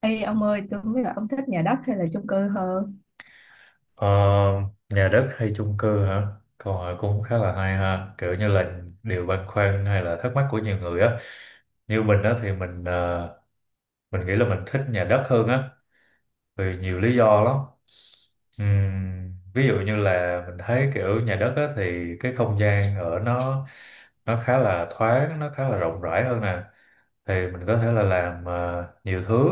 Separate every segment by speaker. Speaker 1: Ê ông ơi, tôi không biết là ông thích nhà đất hay là chung cư hơn.
Speaker 2: Ờ, nhà đất hay chung cư hả? Câu hỏi cũng khá là hay ha, kiểu như là điều băn khoăn hay là thắc mắc của nhiều người á. Như mình á thì mình nghĩ là mình thích nhà đất hơn á, vì nhiều lý do lắm. Ví dụ như là mình thấy kiểu nhà đất á, thì cái không gian ở nó khá là thoáng, nó khá là rộng rãi hơn nè, thì mình có thể là làm nhiều thứ,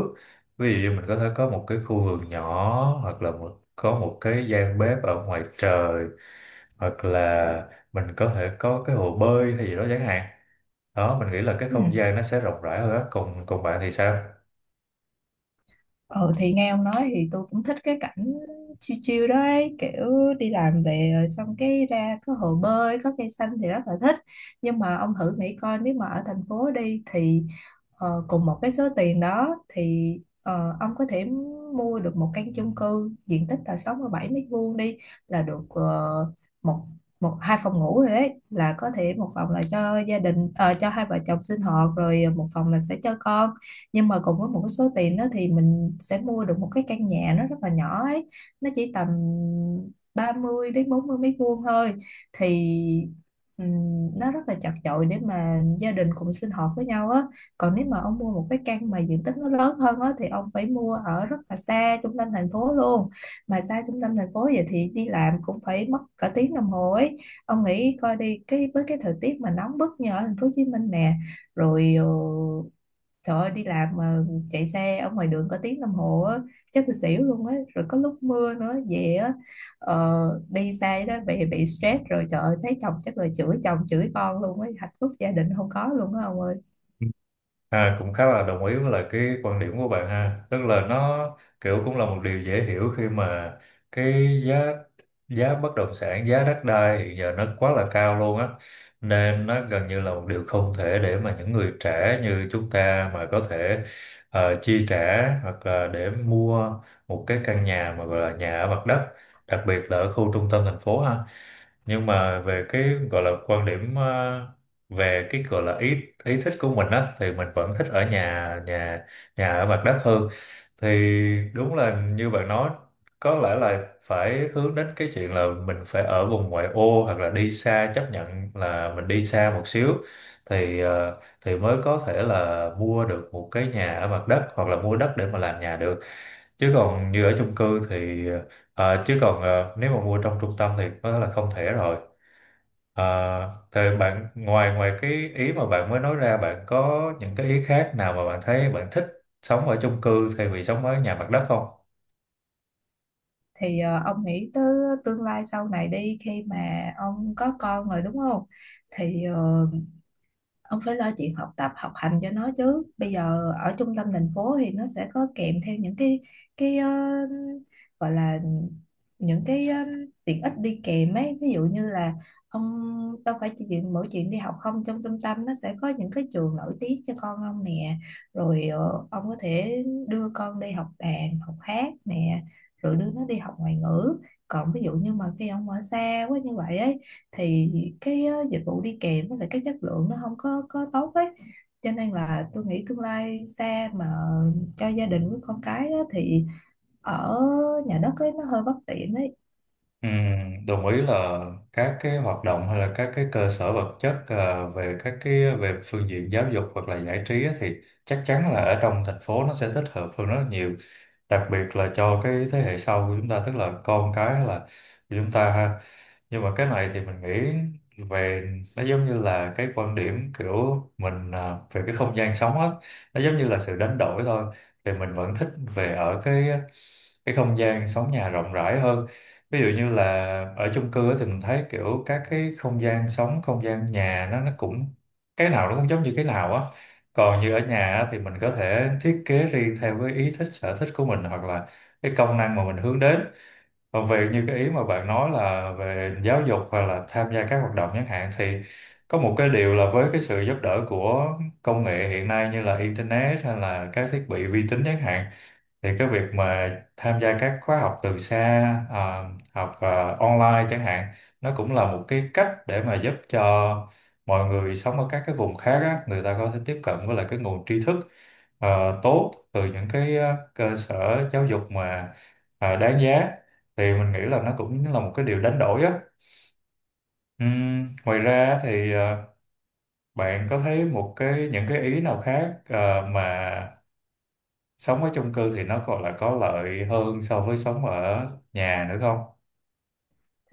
Speaker 2: ví dụ như mình có thể có một cái khu vườn nhỏ, hoặc là có một cái gian bếp ở ngoài trời, hoặc là mình có thể có cái hồ bơi hay gì đó chẳng hạn. Đó, mình nghĩ là cái
Speaker 1: Ừ.
Speaker 2: không gian nó sẽ rộng rãi hơn á, còn còn bạn thì sao?
Speaker 1: Ừ, thì nghe ông nói thì tôi cũng thích cái cảnh chill chill đó ấy, kiểu đi làm về rồi xong cái ra có hồ bơi, có cây xanh thì rất là thích. Nhưng mà ông thử nghĩ coi nếu mà ở thành phố đi thì cùng một cái số tiền đó thì ông có thể mua được một căn chung cư diện tích là 67 m² đi, là được một một hai phòng ngủ rồi, đấy là có thể một phòng là cho gia đình, cho hai vợ chồng sinh hoạt, rồi một phòng là sẽ cho con. Nhưng mà cùng với một cái số tiền đó thì mình sẽ mua được một cái căn nhà nó rất là nhỏ ấy, nó chỉ tầm 30 đến 40 m² thôi. Thì nó rất là chật chội để mà gia đình cùng sinh hoạt với nhau á. Còn nếu mà ông mua một cái căn mà diện tích nó lớn hơn á thì ông phải mua ở rất là xa trung tâm thành phố luôn, mà xa trung tâm thành phố vậy thì đi làm cũng phải mất cả tiếng đồng hồ ấy. Ông nghĩ coi, đi cái với cái thời tiết mà nóng bức như ở thành phố Hồ Chí Minh nè, rồi trời ơi, đi làm mà chạy xe ở ngoài đường có tiếng đồng hồ á, chắc tôi xỉu luôn á. Rồi có lúc mưa nữa, về á, đi xe đó bị stress rồi, trời ơi, thấy chồng chắc là chửi chồng chửi con luôn á, hạnh phúc gia đình không có luôn á ông ơi.
Speaker 2: À, cũng khá là đồng ý với lại cái quan điểm của bạn ha, tức là nó kiểu cũng là một điều dễ hiểu khi mà cái giá giá bất động sản, giá đất đai hiện giờ nó quá là cao luôn á, nên nó gần như là một điều không thể để mà những người trẻ như chúng ta mà có thể chi trả hoặc là để mua một cái căn nhà mà gọi là nhà ở mặt đất, đặc biệt là ở khu trung tâm thành phố ha. Nhưng mà về cái gọi là quan điểm, về cái gọi là ý ý thích của mình á, thì mình vẫn thích ở nhà nhà nhà ở mặt đất hơn. Thì đúng là như bạn nói, có lẽ là phải hướng đến cái chuyện là mình phải ở vùng ngoại ô hoặc là đi xa, chấp nhận là mình đi xa một xíu, thì mới có thể là mua được một cái nhà ở mặt đất hoặc là mua đất để mà làm nhà được. Chứ còn như ở chung cư thì nếu mà mua trong trung tâm thì có thể là không thể rồi. À, thế bạn, ngoài ngoài cái ý mà bạn mới nói ra, bạn có những cái ý khác nào mà bạn thấy bạn thích sống ở chung cư thay vì sống ở nhà mặt đất không?
Speaker 1: Thì ông nghĩ tới tương lai sau này đi, khi mà ông có con rồi đúng không? Thì ông phải lo chuyện học tập học hành cho nó chứ, bây giờ ở trung tâm thành phố thì nó sẽ có kèm theo những cái cái ờ, gọi là những tiện ích đi kèm ấy. Ví dụ như là ông đâu phải chỉ chuyện mỗi chuyện đi học không, trong trung tâm nó sẽ có những cái trường nổi tiếng cho con ông nè, rồi ông có thể đưa con đi học đàn học hát nè, rồi đưa nó đi học ngoại ngữ. Còn ví dụ như mà khi ông ở xa quá như vậy ấy thì cái dịch vụ đi kèm với lại cái chất lượng nó không có tốt ấy, cho nên là tôi nghĩ tương lai xa mà cho gia đình với con cái á, thì ở nhà đất ấy nó hơi bất tiện ấy.
Speaker 2: Ừm, Đồng ý là các cái hoạt động hay là các cái cơ sở vật chất à, về các cái về phương diện giáo dục hoặc là giải trí á, thì chắc chắn là ở trong thành phố nó sẽ thích hợp hơn rất là nhiều, đặc biệt là cho cái thế hệ sau của chúng ta, tức là con cái hay là của chúng ta ha. Nhưng mà cái này thì mình nghĩ về nó giống như là cái quan điểm kiểu mình à, về cái không gian sống á, nó giống như là sự đánh đổi thôi. Thì mình vẫn thích về ở cái không gian sống nhà rộng rãi hơn. Ví dụ như là ở chung cư á thì mình thấy kiểu các cái không gian sống, không gian nhà nó cũng cái nào nó cũng giống như cái nào á. Còn như ở nhà á, thì mình có thể thiết kế riêng theo cái ý thích, sở thích của mình, hoặc là cái công năng mà mình hướng đến. Còn về như cái ý mà bạn nói là về giáo dục hoặc là tham gia các hoạt động chẳng hạn, thì có một cái điều là với cái sự giúp đỡ của công nghệ hiện nay như là internet hay là các thiết bị vi tính chẳng hạn, thì cái việc mà tham gia các khóa học từ xa, à, học à, online chẳng hạn, nó cũng là một cái cách để mà giúp cho mọi người sống ở các cái vùng khác á, người ta có thể tiếp cận với lại cái nguồn tri thức tốt từ những cái cơ sở giáo dục mà đáng giá. Thì mình nghĩ là nó cũng là một cái điều đánh đổi á. Ngoài ra thì, bạn có thấy một cái những cái ý nào khác mà sống ở chung cư thì nó còn là có lợi hơn so với sống ở nhà nữa không?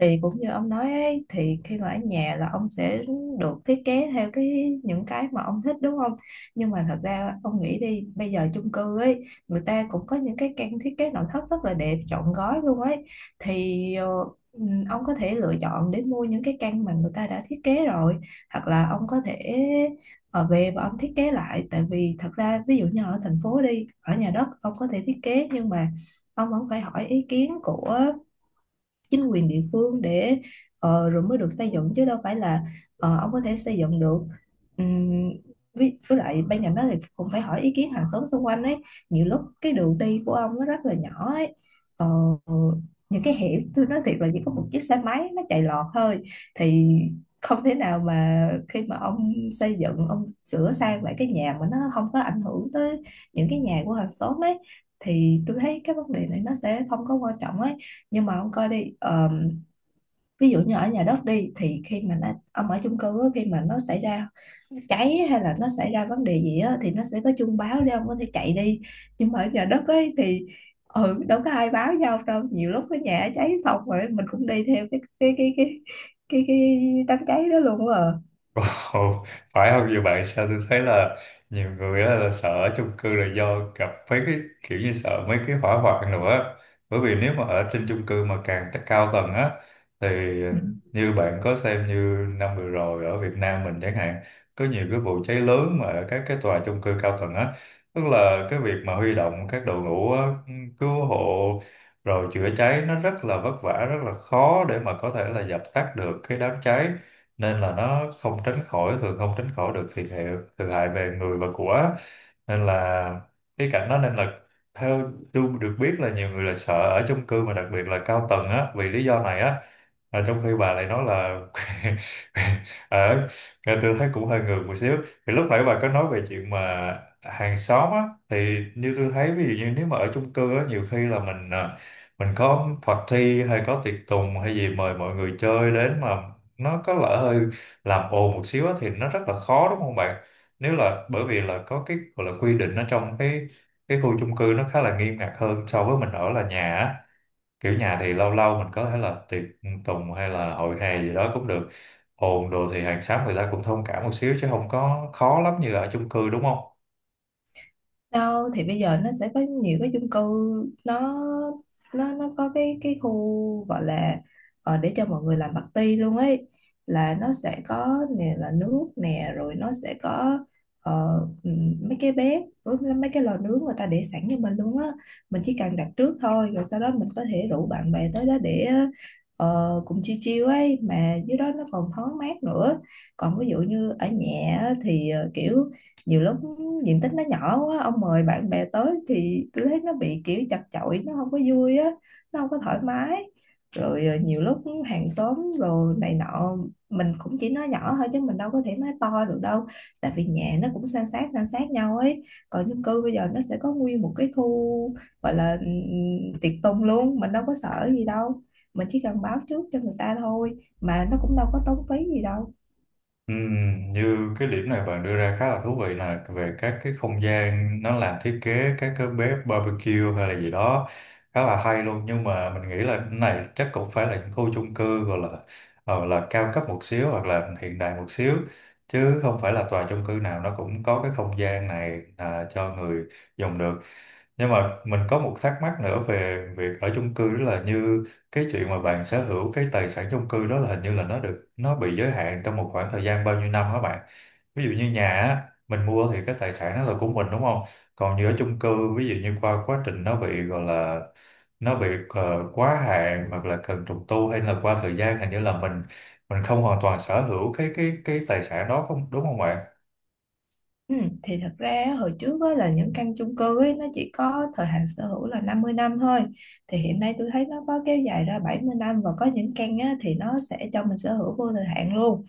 Speaker 1: Thì cũng như ông nói ấy, thì khi mà ở nhà là ông sẽ được thiết kế theo cái những cái mà ông thích đúng không, nhưng mà thật ra ông nghĩ đi, bây giờ chung cư ấy người ta cũng có những cái căn thiết kế nội thất rất là đẹp trọn gói luôn ấy. Thì ông có thể lựa chọn để mua những cái căn mà người ta đã thiết kế rồi, hoặc là ông có thể ở về và ông thiết kế lại, tại vì thật ra ví dụ như ở thành phố đi, ở nhà đất ông có thể thiết kế nhưng mà ông vẫn phải hỏi ý kiến của chính quyền địa phương để rồi mới được xây dựng, chứ đâu phải là ông có thể xây dựng được. Ừm, với lại bên cạnh đó thì cũng phải hỏi ý kiến hàng xóm xung quanh ấy, nhiều lúc cái đường đi của ông nó rất là nhỏ ấy. Ờ, những cái hẻm tôi nói thiệt là chỉ có một chiếc xe máy nó chạy lọt thôi, thì không thể nào mà khi mà ông xây dựng, ông sửa sang lại cái nhà mà nó không có ảnh hưởng tới những cái nhà của hàng xóm ấy, thì tôi thấy cái vấn đề này nó sẽ không có quan trọng ấy. Nhưng mà ông coi đi, ví dụ như ở nhà đất đi, thì khi mà nó ông ở chung cư á, khi mà nó xảy ra cháy hay là nó xảy ra vấn đề gì á thì nó sẽ có chuông báo để ông có thể chạy đi, nhưng mà ở nhà đất ấy thì ừ đâu có ai báo nhau đâu, nhiều lúc cái nhà cháy xong rồi mình cũng đi theo cái đám cháy đó luôn á.
Speaker 2: Ồ, phải không? Nhiều bạn sao tôi thấy là nhiều người á là sợ ở chung cư là do gặp mấy cái kiểu như sợ mấy cái hỏa hoạn nữa, bởi vì nếu mà ở trên chung cư mà càng tất cao tầng á, thì
Speaker 1: Ừ.
Speaker 2: như bạn có xem như năm vừa rồi ở Việt Nam mình chẳng hạn, có nhiều cái vụ cháy lớn mà ở các cái tòa chung cư cao tầng á, tức là cái việc mà huy động các đội ngũ á, cứu hộ rồi chữa cháy, nó rất là vất vả, rất là khó để mà có thể là dập tắt được cái đám cháy, nên là nó không tránh khỏi, thường không tránh khỏi được thiệt hại, thiệt hại về người và của. Nên là cái cảnh đó, nên là theo tôi được biết là nhiều người là sợ ở chung cư mà đặc biệt là cao tầng á, vì lý do này á. À, trong khi bà lại nói là ở, nghe tôi thấy cũng hơi ngược một xíu. Thì lúc nãy bà có nói về chuyện mà hàng xóm á, thì như tôi thấy ví dụ như nếu mà ở chung cư á, nhiều khi là mình à, mình có party hay có tiệc tùng hay gì mời mọi người chơi đến mà nó có lỡ hơi làm ồn một xíu á, thì nó rất là khó đúng không bạn? Nếu là bởi vì là có cái gọi là quy định ở trong cái khu chung cư, nó khá là nghiêm ngặt hơn so với mình ở là nhà á. Kiểu nhà thì lâu lâu mình có thể là tiệc tùng hay là hội hè gì đó cũng được, ồn đồ thì hàng xóm người ta cũng thông cảm một xíu chứ không có khó lắm như ở chung cư đúng không?
Speaker 1: Đâu, thì bây giờ nó sẽ có nhiều cái chung cư, nó nó có cái khu gọi là để cho mọi người làm party luôn ấy, là nó sẽ có nè là nước nè, rồi nó sẽ có ờ, mấy cái bếp với mấy cái lò nướng người ta để sẵn cho mình luôn á, mình chỉ cần đặt trước thôi rồi sau đó mình có thể rủ bạn bè tới đó để cùng chiêu chiêu ấy, mà dưới đó nó còn thoáng mát nữa. Còn ví dụ như ở nhà á, thì kiểu nhiều lúc diện tích nó nhỏ quá, ông mời bạn bè tới thì tôi thấy nó bị kiểu chật chội, nó không có vui á, nó không có thoải mái. Rồi nhiều lúc hàng xóm rồi này nọ, mình cũng chỉ nói nhỏ thôi chứ mình đâu có thể nói to được đâu, tại vì nhà nó cũng san sát nhau ấy. Còn chung cư bây giờ nó sẽ có nguyên một cái khu gọi là tiệc tùng luôn, mình đâu có sợ gì đâu, mình chỉ cần báo trước cho người ta thôi, mà nó cũng đâu có tốn phí gì đâu.
Speaker 2: Như cái điểm này bạn đưa ra khá là thú vị, là về các cái không gian nó làm thiết kế các cái bếp barbecue hay là gì đó, khá là hay luôn. Nhưng mà mình nghĩ là cái này chắc cũng phải là những khu chung cư gọi là là cao cấp một xíu hoặc là hiện đại một xíu, chứ không phải là tòa chung cư nào nó cũng có cái không gian này à, cho người dùng được. Nhưng mà mình có một thắc mắc nữa về việc ở chung cư, đó là như cái chuyện mà bạn sở hữu cái tài sản chung cư đó là hình như là nó được, nó bị giới hạn trong một khoảng thời gian bao nhiêu năm hả bạn? Ví dụ như nhà á, mình mua thì cái tài sản đó là của mình đúng không? Còn như ở chung cư, ví dụ như qua quá trình nó bị gọi là nó bị quá hạn hoặc là cần trùng tu hay là qua thời gian, hình như là mình không hoàn toàn sở hữu cái tài sản đó, không đúng không bạn?
Speaker 1: Ừ, thì thật ra á, hồi trước á, là những căn chung cư ấy, nó chỉ có thời hạn sở hữu là 50 năm thôi, thì hiện nay tôi thấy nó có kéo dài ra 70 năm, và có những căn á, thì nó sẽ cho mình sở hữu vô thời hạn luôn.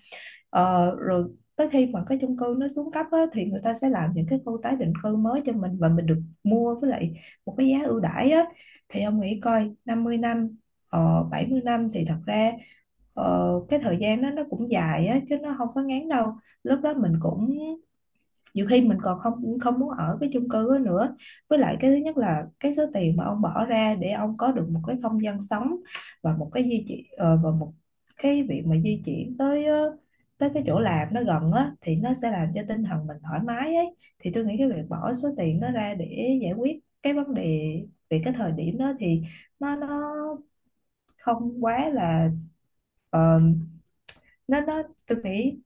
Speaker 1: Rồi tới khi mà cái chung cư nó xuống cấp á, thì người ta sẽ làm những cái khu tái định cư mới cho mình và mình được mua với lại một cái giá ưu đãi á. Thì ông nghĩ coi, 50 năm, 70 năm thì thật ra cái thời gian đó nó cũng dài á chứ nó không có ngắn đâu. Lúc đó mình cũng nhiều khi mình còn không không muốn ở cái chung cư đó nữa. Với lại cái thứ nhất là cái số tiền mà ông bỏ ra để ông có được một cái không gian sống, và một cái di chuyển, và một cái việc mà di chuyển tới tới cái chỗ làm nó gần á, thì nó sẽ làm cho tinh thần mình thoải mái ấy, thì tôi nghĩ cái việc bỏ số tiền đó ra để giải quyết cái vấn đề về cái thời điểm đó thì nó không quá là ờ, nó tôi nghĩ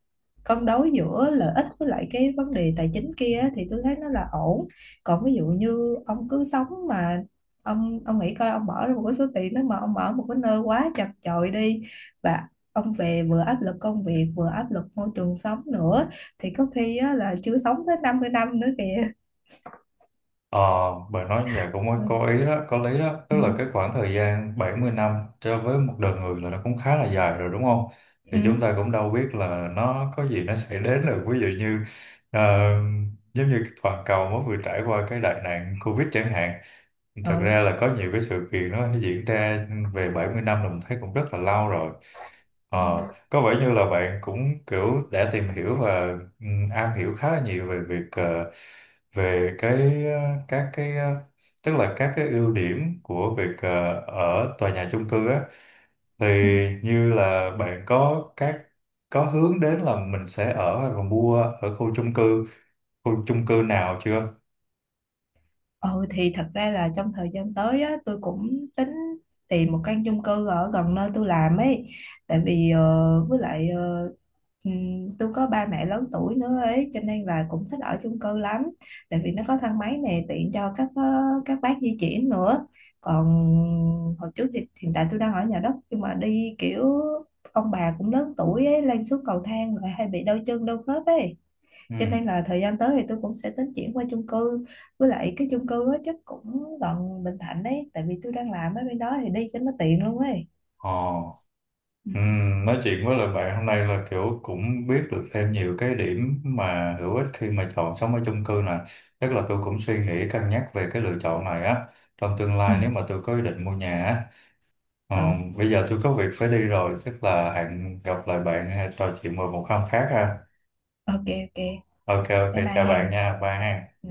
Speaker 1: cân đối giữa lợi ích với lại cái vấn đề tài chính kia á, thì tôi thấy nó là ổn. Còn ví dụ như ông cứ sống mà ông nghĩ coi, ông bỏ ra một cái số tiền đó mà ông ở một cái nơi quá chật chội đi, và ông về vừa áp lực công việc vừa áp lực môi trường sống nữa, thì có khi á, là chưa sống tới 50 năm nữa kìa.
Speaker 2: Ờ, bạn nói như vậy cũng có
Speaker 1: Ừ,
Speaker 2: có ý đó, có lý đó. Tức là cái khoảng thời gian 70 năm cho với một đời người là nó cũng khá là dài rồi đúng không?
Speaker 1: ừ,
Speaker 2: Thì chúng ta cũng đâu biết là nó có gì nó sẽ đến được. Ví dụ như ờ, giống như toàn cầu mới vừa trải qua cái đại nạn Covid chẳng hạn. Thật ra
Speaker 1: ừ,
Speaker 2: là có nhiều cái sự kiện nó diễn ra. Về 70 năm là mình thấy cũng rất là lâu rồi. Ờ,
Speaker 1: ừ.
Speaker 2: có vẻ như là bạn cũng kiểu đã tìm hiểu và ừ, am hiểu khá là nhiều về việc ờ, về cái ờ, các cái ờ, tức là các cái ưu điểm của việc ở tòa nhà chung cư á, thì
Speaker 1: Ừ.
Speaker 2: như là bạn có các có hướng đến là mình sẽ ở và mua ở khu chung cư nào chưa?
Speaker 1: Ừ, thì thật ra là trong thời gian tới á, tôi cũng tính tìm một căn chung cư ở gần nơi tôi làm ấy, tại vì với lại tôi có ba mẹ lớn tuổi nữa ấy, cho nên là cũng thích ở chung cư lắm, tại vì nó có thang máy này, tiện cho các các bác di chuyển nữa. Còn hồi trước thì hiện tại tôi đang ở nhà đất, nhưng mà đi kiểu ông bà cũng lớn tuổi ấy, lên xuống cầu thang lại hay bị đau chân đau khớp ấy,
Speaker 2: Ừ.
Speaker 1: cho nên là thời gian tới thì tôi cũng sẽ tính chuyển qua chung cư, với lại cái chung cư á chắc cũng gần Bình Thạnh đấy, tại vì tôi đang làm ở bên đó thì đi cho nó tiện luôn ấy.
Speaker 2: Ờ.
Speaker 1: Ừ.
Speaker 2: Nói chuyện với lại bạn hôm nay là kiểu cũng biết được thêm nhiều cái điểm mà hữu ích khi mà chọn sống ở chung cư nè. Chắc là tôi cũng suy nghĩ cân nhắc về cái lựa chọn này á. Trong tương
Speaker 1: Ừ.
Speaker 2: lai nếu mà tôi có ý định mua nhà á. Ờ,
Speaker 1: Ừ,
Speaker 2: bây giờ tôi có việc phải đi rồi, chắc là hẹn gặp lại bạn hay trò chuyện vào một hôm khác ha.
Speaker 1: ok, ok,
Speaker 2: Ok ok
Speaker 1: bye bye
Speaker 2: chào bạn
Speaker 1: hàng.
Speaker 2: nha, bye ha.
Speaker 1: Ừ.